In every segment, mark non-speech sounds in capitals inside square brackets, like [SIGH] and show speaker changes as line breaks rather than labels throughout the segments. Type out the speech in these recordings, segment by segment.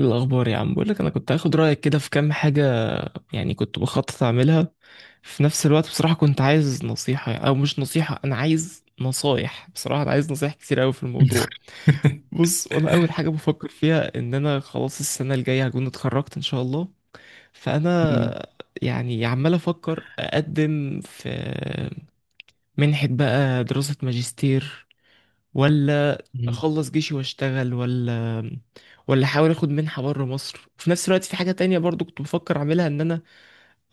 إيه الأخبار يا عم؟ بقول لك أنا كنت هاخد رأيك كده في كام حاجة كنت بخطط أعملها. في نفس الوقت بصراحة كنت عايز نصيحة، أو مش نصيحة، أنا عايز نصايح، بصراحة أنا عايز نصايح كتير أوي في الموضوع.
[LAUGHS]
بص، أنا أول حاجة بفكر فيها إن أنا خلاص السنة الجاية هكون اتخرجت إن شاء الله.
مم.
فأنا عمال أفكر أقدم في منحة بقى، دراسة ماجستير، ولا
مم.
اخلص جيشي واشتغل، ولا احاول اخد منحة بره مصر. وفي نفس الوقت في حاجة تانية برضو كنت بفكر اعملها، ان انا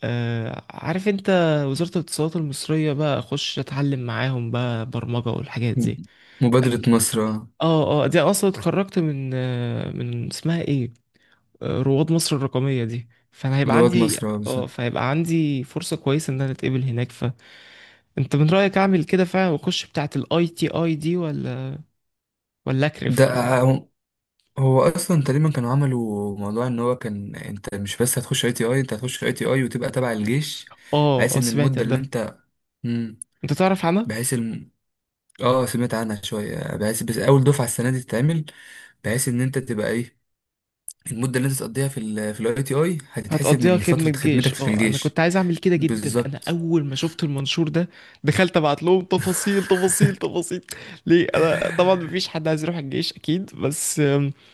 آه عارف انت وزارة الاتصالات المصرية بقى، اخش اتعلم معاهم بقى برمجة والحاجات دي.
مبادرة مصر، آه.
اه اه، دي أنا اصلا اتخرجت من من اسمها ايه، آه، رواد مصر الرقمية دي. فانا هيبقى
رواد
عندي،
مصر، آه،
اه،
بالظبط.
فهيبقى عندي فرصة كويسة ان انا اتقبل هناك. ف انت من رأيك اعمل كده فعلا واخش بتاعة الاي تي اي دي، ولا
ده،
اكرف ولا إيه؟
هو اصلا تقريبا كانوا عملوا موضوع ان هو كان، انت مش بس هتخش اي تي اي، انت هتخش اي تي اي وتبقى تبع الجيش،
اه
بحيث
اه،
ان
سمعت
المدة اللي
ده.
انت... مم،
انت تعرف عنها.
بحيث الم... اه، سمعت عنها شوية، بحيث بس اول دفعة السنة دي تتعمل، بحيث ان انت تبقى ايه، المدة اللي انت تقضيها في الاي تي اي هتتحسب
هتقضيها
من
خدمة
فترة خدمتك
جيش.
في
اه، انا
الجيش.
كنت عايز اعمل كده جدا. انا
بالظبط.
اول ما شفت المنشور ده دخلت ابعت لهم، تفاصيل تفاصيل تفاصيل. ليه؟ انا طبعا مفيش حد عايز يروح الجيش اكيد، بس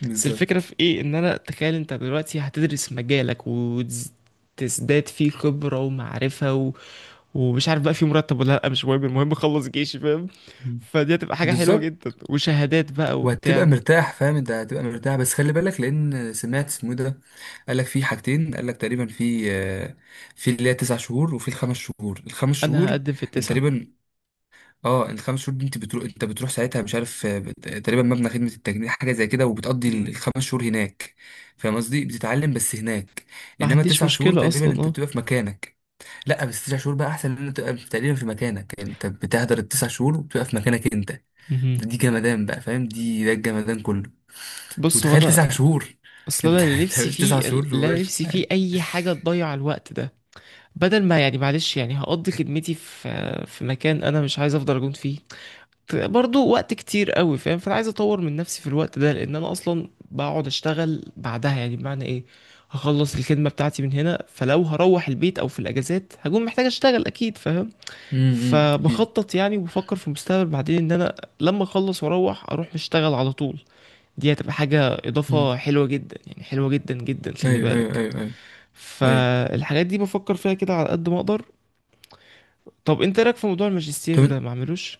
[LAUGHS]
بس الفكرة
بالظبط،
في ايه؟ ان انا تخيل انت دلوقتي هتدرس مجالك وتزداد فيه خبرة ومعرفة و... ومش عارف بقى في مرتب ولا لا، مش مهم، المهم اخلص جيشي، فاهم؟ فدي هتبقى حاجة حلوة جدا،
بالظبط.
وشهادات بقى
وهتبقى
وبتاع.
مرتاح، فاهم، انت هتبقى مرتاح. بس خلي بالك، لان سمعت اسمه إيه ده، قال لك في حاجتين، قال لك تقريبا في... في اللي هي تسع شهور، وفي الخمس شهور،
انا هقدم في
انت
التسعة.
تقريبا... اه الخمس شهور دي انت بتروح، ساعتها مش عارف، تقريبا مبنى خدمة التجنيد حاجة زي كده، وبتقضي
مم.
الخمس شهور هناك، فاهم قصدي، بتتعلم بس هناك.
ما
انما
عنديش
تسع شهور
مشكلة
تقريبا
اصلا،
انت
اه.
بتبقى في مكانك. لا، بس تسع شهور بقى احسن ان انت تبقى تقريبا في مكانك، يعني انت بتهدر التسع شهور وبتبقى في مكانك انت.
مهم.
دي جمدان بقى، فاهم، دي الجمدان كله.
بص، هو
وتخيل
انا،
تسع شهور. [LAUGHS]
اصل
انت
انا اللي
انت
نفسي
مش
فيه،
تسع شهور
اللي انا
وباش
نفسي فيه
يعني.
اي حاجه تضيع الوقت ده، بدل ما معلش هقضي خدمتي في مكان انا مش عايز افضل اجون فيه برضو وقت كتير قوي، فاهم؟ فانا عايز اطور من نفسي في الوقت ده، لان انا اصلا بقعد اشتغل بعدها. يعني بمعنى ايه؟ هخلص الخدمه بتاعتي من هنا، فلو هروح البيت او في الاجازات هكون محتاج اشتغل اكيد، فاهم؟
امم، اكيد.
فبخطط يعني وبفكر في المستقبل بعدين، ان انا لما اخلص اروح اشتغل على طول. دي هتبقى حاجة
امم.
إضافة حلوة جدا، يعني حلوة جدا جدا، خلي
ايوه، ايوه،
بالك.
ايوه، ايوه، ايوه.
فالحاجات دي بفكر فيها كده على قد ما أقدر. طب أنت إيه رأيك في موضوع الماجستير
طب،
ده، ما أعملوش؟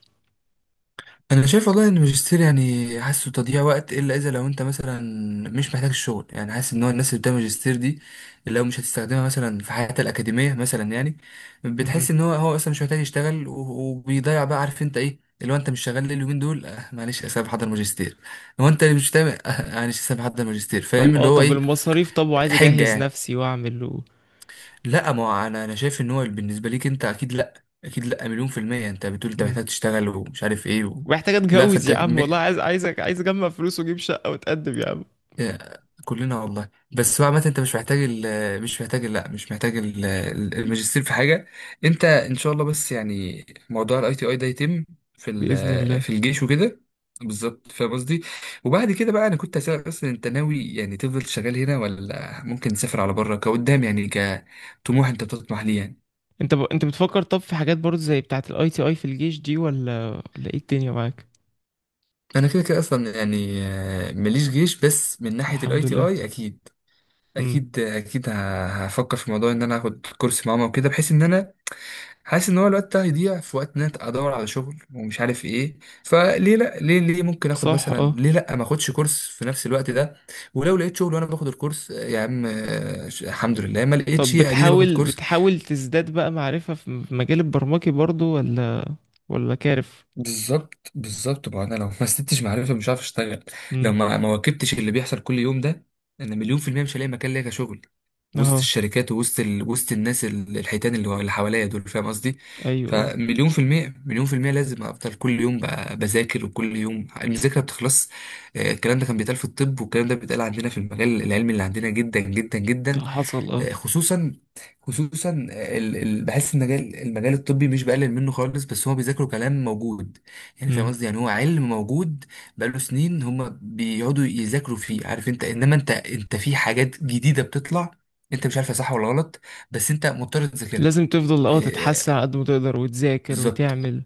انا شايف والله ان الماجستير يعني حاسه تضييع وقت، الا اذا لو انت مثلا مش محتاج الشغل، يعني حاسس ان هو الناس اللي بتعمل ماجستير دي لو مش هتستخدمها مثلا في حياتها الاكاديميه مثلا، يعني بتحس
مهم.
ان هو اصلا مش محتاج يشتغل وبيضيع بقى، عارف انت ايه اللي هو انت مش شغال ليه اليومين دول. آه، معلش، اسيب احضر ماجستير، هو انت اللي مش تعمل. معلش، اسيب احضر ماجستير،
طب
فاهم،
اه،
اللي هو
طب
ايه؟
المصاريف، طب وعايز
حجه
أجهز
يعني.
نفسي وأعمل و...
لا، ما هو انا شايف ان هو بالنسبه ليك انت، اكيد لا، اكيد لا، مليون في الميه. انت بتقول انت
مم.
محتاج تشتغل، ومش عارف ايه، و...
ومحتاج
لا
أتجوز
فانت
يا عم،
م...
والله عايز، عايزك، عايز أجمع فلوس وأجيب شقة وأتقدم يا عم.
آه، كلنا والله. بس بقى عامه انت مش محتاج لا، مش محتاج الماجستير في حاجه. انت ان شاء الله، بس يعني، موضوع الاي تي اي ده يتم
بإذن الله.
في الجيش وكده. بالظبط، فاهم قصدي. وبعد كده بقى، انا كنت هسألك اصلا، انت ناوي يعني تفضل شغال هنا، ولا ممكن تسافر على بره كقدام، يعني كطموح انت بتطمح ليه يعني؟
أنت بتفكر طب في حاجات برضه زي بتاعة الأي تي أي في الجيش دي، ولا إيه الدنيا معاك؟
انا كده كده اصلا يعني، ماليش جيش، بس من ناحيه الاي
الحمد
تي
لله.
اي، اكيد،
امم.
اكيد، اكيد. هفكر في موضوع ان انا هاخد كورس معاهم وكده، بحيث ان انا حاسس ان هو الوقت ده هيضيع في وقت ان انا ادور على شغل ومش عارف ايه. فليه لا، ليه ليه ممكن اخد
صح
مثلا،
اه.
ليه لا ما اخدش كورس في نفس الوقت ده؟ ولو لقيت شغل وانا باخد الكورس، يا عم، الحمد لله، ما لقيتش،
طب
اديني باخد
بتحاول
كورس.
بتحاول تزداد بقى معرفة في مجال البرمجي برضو، ولا كارف؟
بالظبط، بالظبط. ما انا لو ما استدتش معرفه، مش عارف اشتغل. لو
امم.
ما واكبتش اللي بيحصل كل يوم ده، انا مليون في الميه مش هلاقي مكان ليا كشغل، وسط
اهو.
الشركات، وسط الناس الحيتان، اللي حواليا دول، فاهم قصدي.
ايوه اه.
فمليون في الميه، لازم افضل كل يوم بذاكر، وكل يوم المذاكره بتخلص. آه، الكلام ده كان بيتقال في الطب، والكلام ده بيتقال عندنا في المجال العلمي اللي عندنا، جدا جدا جدا.
آه، حصل اه.
آه، خصوصا، خصوصا، بحس ان مجال، الطبي، مش بقلل منه خالص، بس هو بيذاكروا كلام موجود، يعني فاهم
امم.
قصدي، يعني هو علم موجود بقاله سنين، هم بيقعدوا يذاكروا فيه، عارف انت، انما انت، في حاجات جديده بتطلع، انت مش عارفها صح ولا غلط، بس انت مضطر تذاكرها.
لازم تفضل اه
آه،
تتحسن على قد ما تقدر وتذاكر
بالظبط،
وتعمل.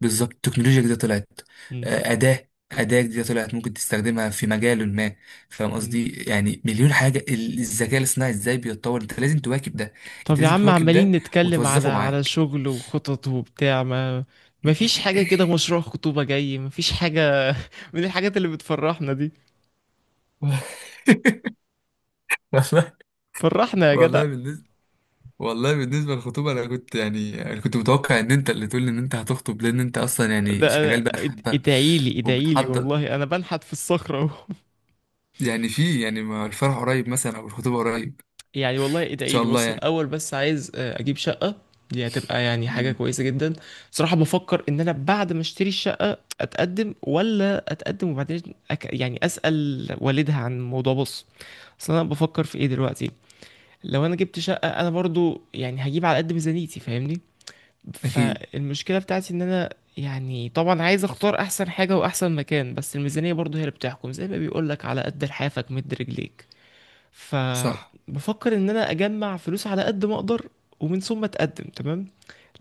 بالظبط. التكنولوجيا جديدة طلعت،
امم.
أداة جديدة طلعت، ممكن تستخدمها في مجال ما، فاهم
أمم.
قصدي، يعني مليون حاجة، الذكاء الاصطناعي ازاي بيتطور، انت لازم تواكب ده، انت
طب يا
لازم
عم،
تواكب
عمالين
ده،
نتكلم على
وتوظفه
على
معاك.
شغل وخطط وبتاع، ما ما فيش حاجة كده؟
[LAUGHS]
مشروع خطوبة جاي، ما فيش حاجة؟ [LAUGHS] من الحاجات اللي بتفرحنا دي،
والله.
فرحنا يا جدع.
والله بالنسبة، والله بالنسبة للخطوبة، أنا كنت يعني أنا كنت متوقع إن أنت اللي تقول لي إن أنت هتخطب، لأن أنت أصلا يعني شغال بقى حبة،
ادعيلي ادعيلي،
وبتحضر،
والله انا بنحت في الصخرة اهو.
يعني، في يعني، ما الفرح قريب مثلا أو الخطوبة قريب؟
يعني والله ايه ده،
إن
ايه
شاء
دي؟
الله
بص،
يعني.
الاول بس عايز، آه، اجيب شقه. دي هتبقى يعني حاجه
مم.
كويسه جدا. صراحه بفكر ان انا بعد ما اشتري الشقه اتقدم، ولا اتقدم وبعدين يعني اسال والدها عن الموضوع. بص، اصل انا بفكر في ايه دلوقتي، لو انا جبت شقه انا برضو يعني هجيب على قد ميزانيتي، فاهمني؟
أكيد.
فالمشكله بتاعتي ان انا يعني طبعا عايز اختار احسن حاجه واحسن مكان، بس الميزانيه برضو هي اللي بتحكم. زي ما بيقولك، على قد لحافك مد رجليك.
صح.
فبفكر ان انا اجمع فلوس على قد ما اقدر ومن ثم اتقدم، تمام؟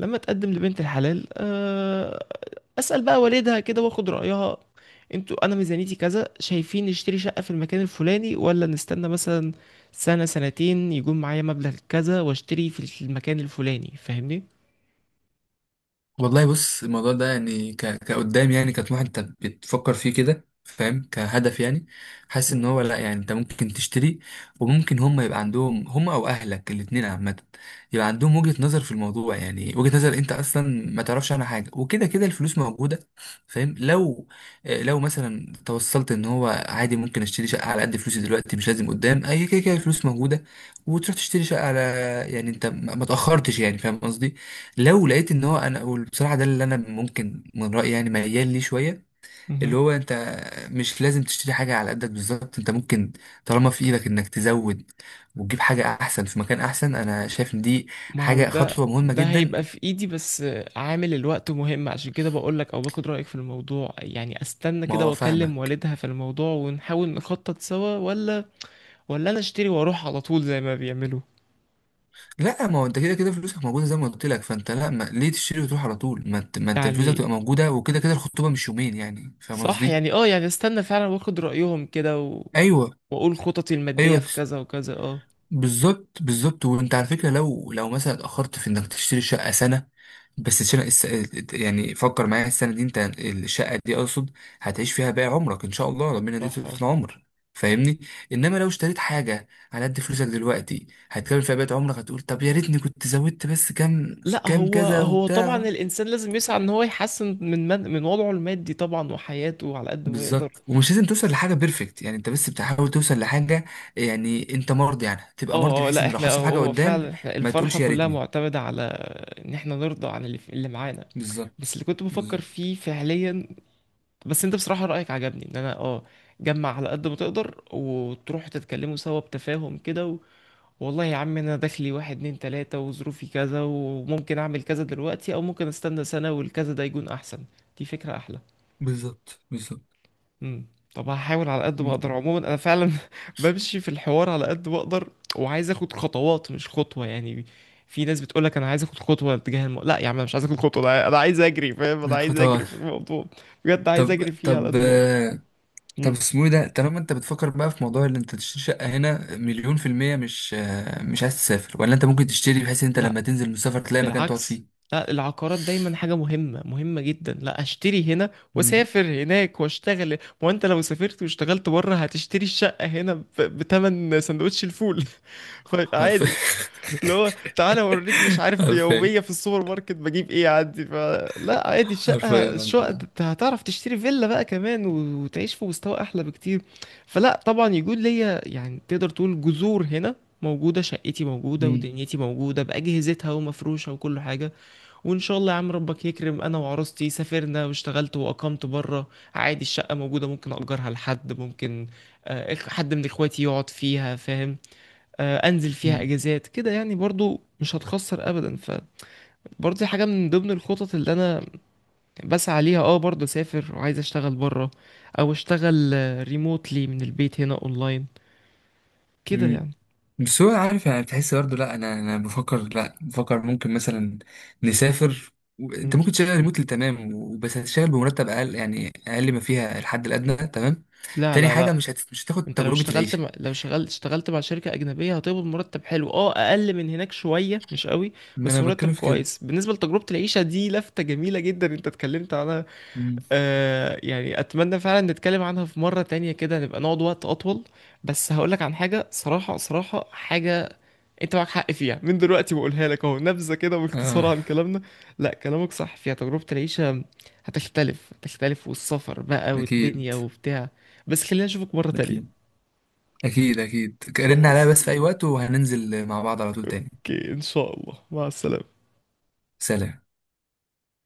لما اتقدم لبنت الحلال، آه، اسال بقى والدها كده واخد رايها. انتوا، انا ميزانيتي كذا، شايفين نشتري شقه في المكان الفلاني، ولا نستنى مثلا سنه سنتين يكون معايا مبلغ كذا واشتري في المكان الفلاني، فاهمني؟
والله بص، الموضوع ده يعني كقدام، يعني كطموح انت بتفكر فيه كده، فاهم، كهدف يعني. حاسس ان
مم.
هو لا، يعني انت ممكن تشتري، وممكن هم يبقى عندهم هم، او اهلك، الاتنين عامة يبقى عندهم وجهة نظر في الموضوع، يعني وجهة نظر انت اصلا ما تعرفش عنها حاجة، وكده كده الفلوس موجودة، فاهم. لو، آه، لو مثلا توصلت ان هو عادي، ممكن اشتري شقة على قد فلوسي دلوقتي، مش لازم قدام، اي كده كده الفلوس موجودة، وتروح تشتري شقة على، يعني انت ما تأخرتش يعني، فاهم قصدي. لو لقيت ان هو انا، بصراحه، ده اللي انا ممكن من رايي يعني ميال ليه شويه، اللي
مهم.
هو انت مش لازم تشتري حاجه على قدك بالظبط، انت ممكن، طالما في ايدك انك تزود وتجيب حاجه احسن في مكان احسن، انا شايف ان دي
ما هو
حاجه،
ده
خطوه مهمه
ده
جدا.
هيبقى في ايدي، بس عامل الوقت مهم، عشان كده بقولك او باخد رأيك في الموضوع. يعني استنى
ما
كده
هو
واكلم
فاهمك.
والدها في الموضوع ونحاول نخطط سوا، ولا انا اشتري واروح على طول زي ما بيعملوا؟
لا، ما هو انت كده كده فلوسك موجوده، زي ما قلت لك، فانت لا، ما ليه تشتري وتروح على طول، ما انت، فلوسك تبقى
يعني
موجوده، وكده كده الخطوبه مش يومين يعني، فاهم
صح،
قصدي.
يعني اه، يعني استنى فعلا واخد رأيهم كده و...
ايوه،
واقول خططي المادية
ايوه.
في كذا وكذا اه.
بالظبط، بالظبط، وانت على فكره لو، مثلا اتاخرت في انك تشتري شقه سنه، بس السنه، يعني فكر معايا، السنه دي انت الشقه دي اقصد هتعيش فيها باقي عمرك، ان شاء الله ربنا يديك
صح
طول
اه.
العمر، فاهمني. انما لو اشتريت حاجه على قد فلوسك دلوقتي هتكمل فيها بقيت عمرك، هتقول طب يا ريتني كنت زودت بس كام،
لا،
كام
هو
كذا
هو طبعا
وبتاع.
الانسان لازم يسعى ان هو يحسن من من وضعه المادي طبعا، وحياته على قد ما يقدر.
بالظبط، ومش لازم توصل لحاجه بيرفكت يعني، انت بس بتحاول توصل لحاجه يعني انت مرضي عنها، تبقى مرضي
اه اه،
بحيث
لا
ان لو
احنا
حصل حاجه
هو
قدام
فعلا، احنا
ما
الفرحة
تقولش يا
كلها
ريتني.
معتمدة على ان احنا نرضى عن اللي معانا. بس
بالظبط،
اللي كنت بفكر
بالظبط،
فيه فعليا، بس انت بصراحة رأيك عجبني، ان انا اه جمع على قد ما تقدر وتروحوا تتكلموا سوا بتفاهم كده و... والله يا عم، انا دخلي واحد اتنين تلاتة، وظروفي كذا، وممكن اعمل كذا دلوقتي او ممكن استنى سنة والكذا ده يكون احسن. دي فكرة احلى.
بالظبط، بالظبط،
امم. طب هحاول على قد ما
ب-
اقدر عموما. انا فعلا [LAUGHS] بمشي في الحوار على قد ما اقدر، وعايز اخد خطوات مش خطوة، يعني في ناس بتقولك انا عايز اخد خطوة تجاه لا يا عم، انا مش عايز اخد خطوة، أنا عايز اجري، فاهم؟ انا عايز اجري
خطوات.
في الموضوع بجد، عايز
طب،
اجري فيه على
طب،
قد ما اقدر.
طب
امم.
اسمه ايه ده، طالما انت بتفكر بقى في موضوع اللي انت تشتري شقة هنا، مليون في المية، مش عايز تسافر؟ ولا انت ممكن تشتري بحيث ان انت
لا،
لما تنزل من السفر تلاقي مكان تقعد
بالعكس.
فيه؟
لا، العقارات دايما حاجة مهمة، مهمة جدا. لا، اشتري هنا
مم.
واسافر هناك واشتغل. ما هو انت لو سافرت واشتغلت بره هتشتري الشقة هنا بتمن سندوتش الفول. [LAUGHS] فعادي،
حرفيا.
اللي هو تعالى اوريك، مش
[LAUGHS]
عارف
حرفيا،
بيوميه في السوبر ماركت بجيب ايه عندي. فلا عادي، الشقه،
حرفيا
الشقه
والله.
انت هتعرف تشتري فيلا بقى كمان وتعيش في مستوى احلى بكتير. فلا طبعا يكون ليا، يعني تقدر تقول جذور هنا موجودة، شقتي موجودة
مم.
ودنيتي موجودة بأجهزتها ومفروشة وكل حاجة. وإن شاء الله يا عم ربك يكرم، أنا وعروستي سافرنا واشتغلت وأقمت بره، عادي الشقة موجودة، ممكن أجرها لحد، ممكن آه، حد من إخواتي يقعد فيها، فاهم؟ آه، انزل فيها
مم.
اجازات كده يعني، برضو مش هتخسر ابدا. فبرضو دي حاجه من ضمن الخطط اللي انا بسعى ليها، اه. برضو اسافر وعايز اشتغل بره او اشتغل ريموتلي من البيت هنا اونلاين كده
مم.
يعني.
بس هو عارف يعني، بتحس برضه، لا انا بفكر، لا، بفكر ممكن مثلا نسافر و... انت
مم.
ممكن تشتغل ريموتلي، تمام، بس هتشتغل بمرتب اقل، يعني اقل ما فيها الحد الادنى، تمام.
لا
تاني
لا
حاجه،
لا.
مش هتاخد
انت لو
تجربه
اشتغلت
العيشه.
مع... لو اشتغلت مع شركة أجنبية هتقبض مرتب حلو، اه أقل من هناك شوية مش قوي،
ما
بس
انا
مرتب
بتكلم في كده.
كويس. بالنسبة لتجربة العيشة دي لفتة جميلة جدا انت اتكلمت عنها.
مم.
آه يعني اتمنى فعلا نتكلم عنها في مرة تانية كده، نبقى نقعد وقت اطول. بس هقولك عن حاجة، صراحة صراحة حاجة انت معاك حق فيها، من دلوقتي بقولها لك اهو، نبذة كده
اه،
باختصار عن كلامنا. لا كلامك صح فيها، تجربة العيشة هتختلف، هتختلف، والسفر بقى
اكيد،
والدنيا وبتاع، بس خلينا اشوفك مرة
اكيد،
تانية.
اكيد، اكيد رن عليا
خلاص،
بس في اي وقت، وهننزل مع بعض على طول تاني.
اوكي، ان شاء الله، مع السلامة.
سلام.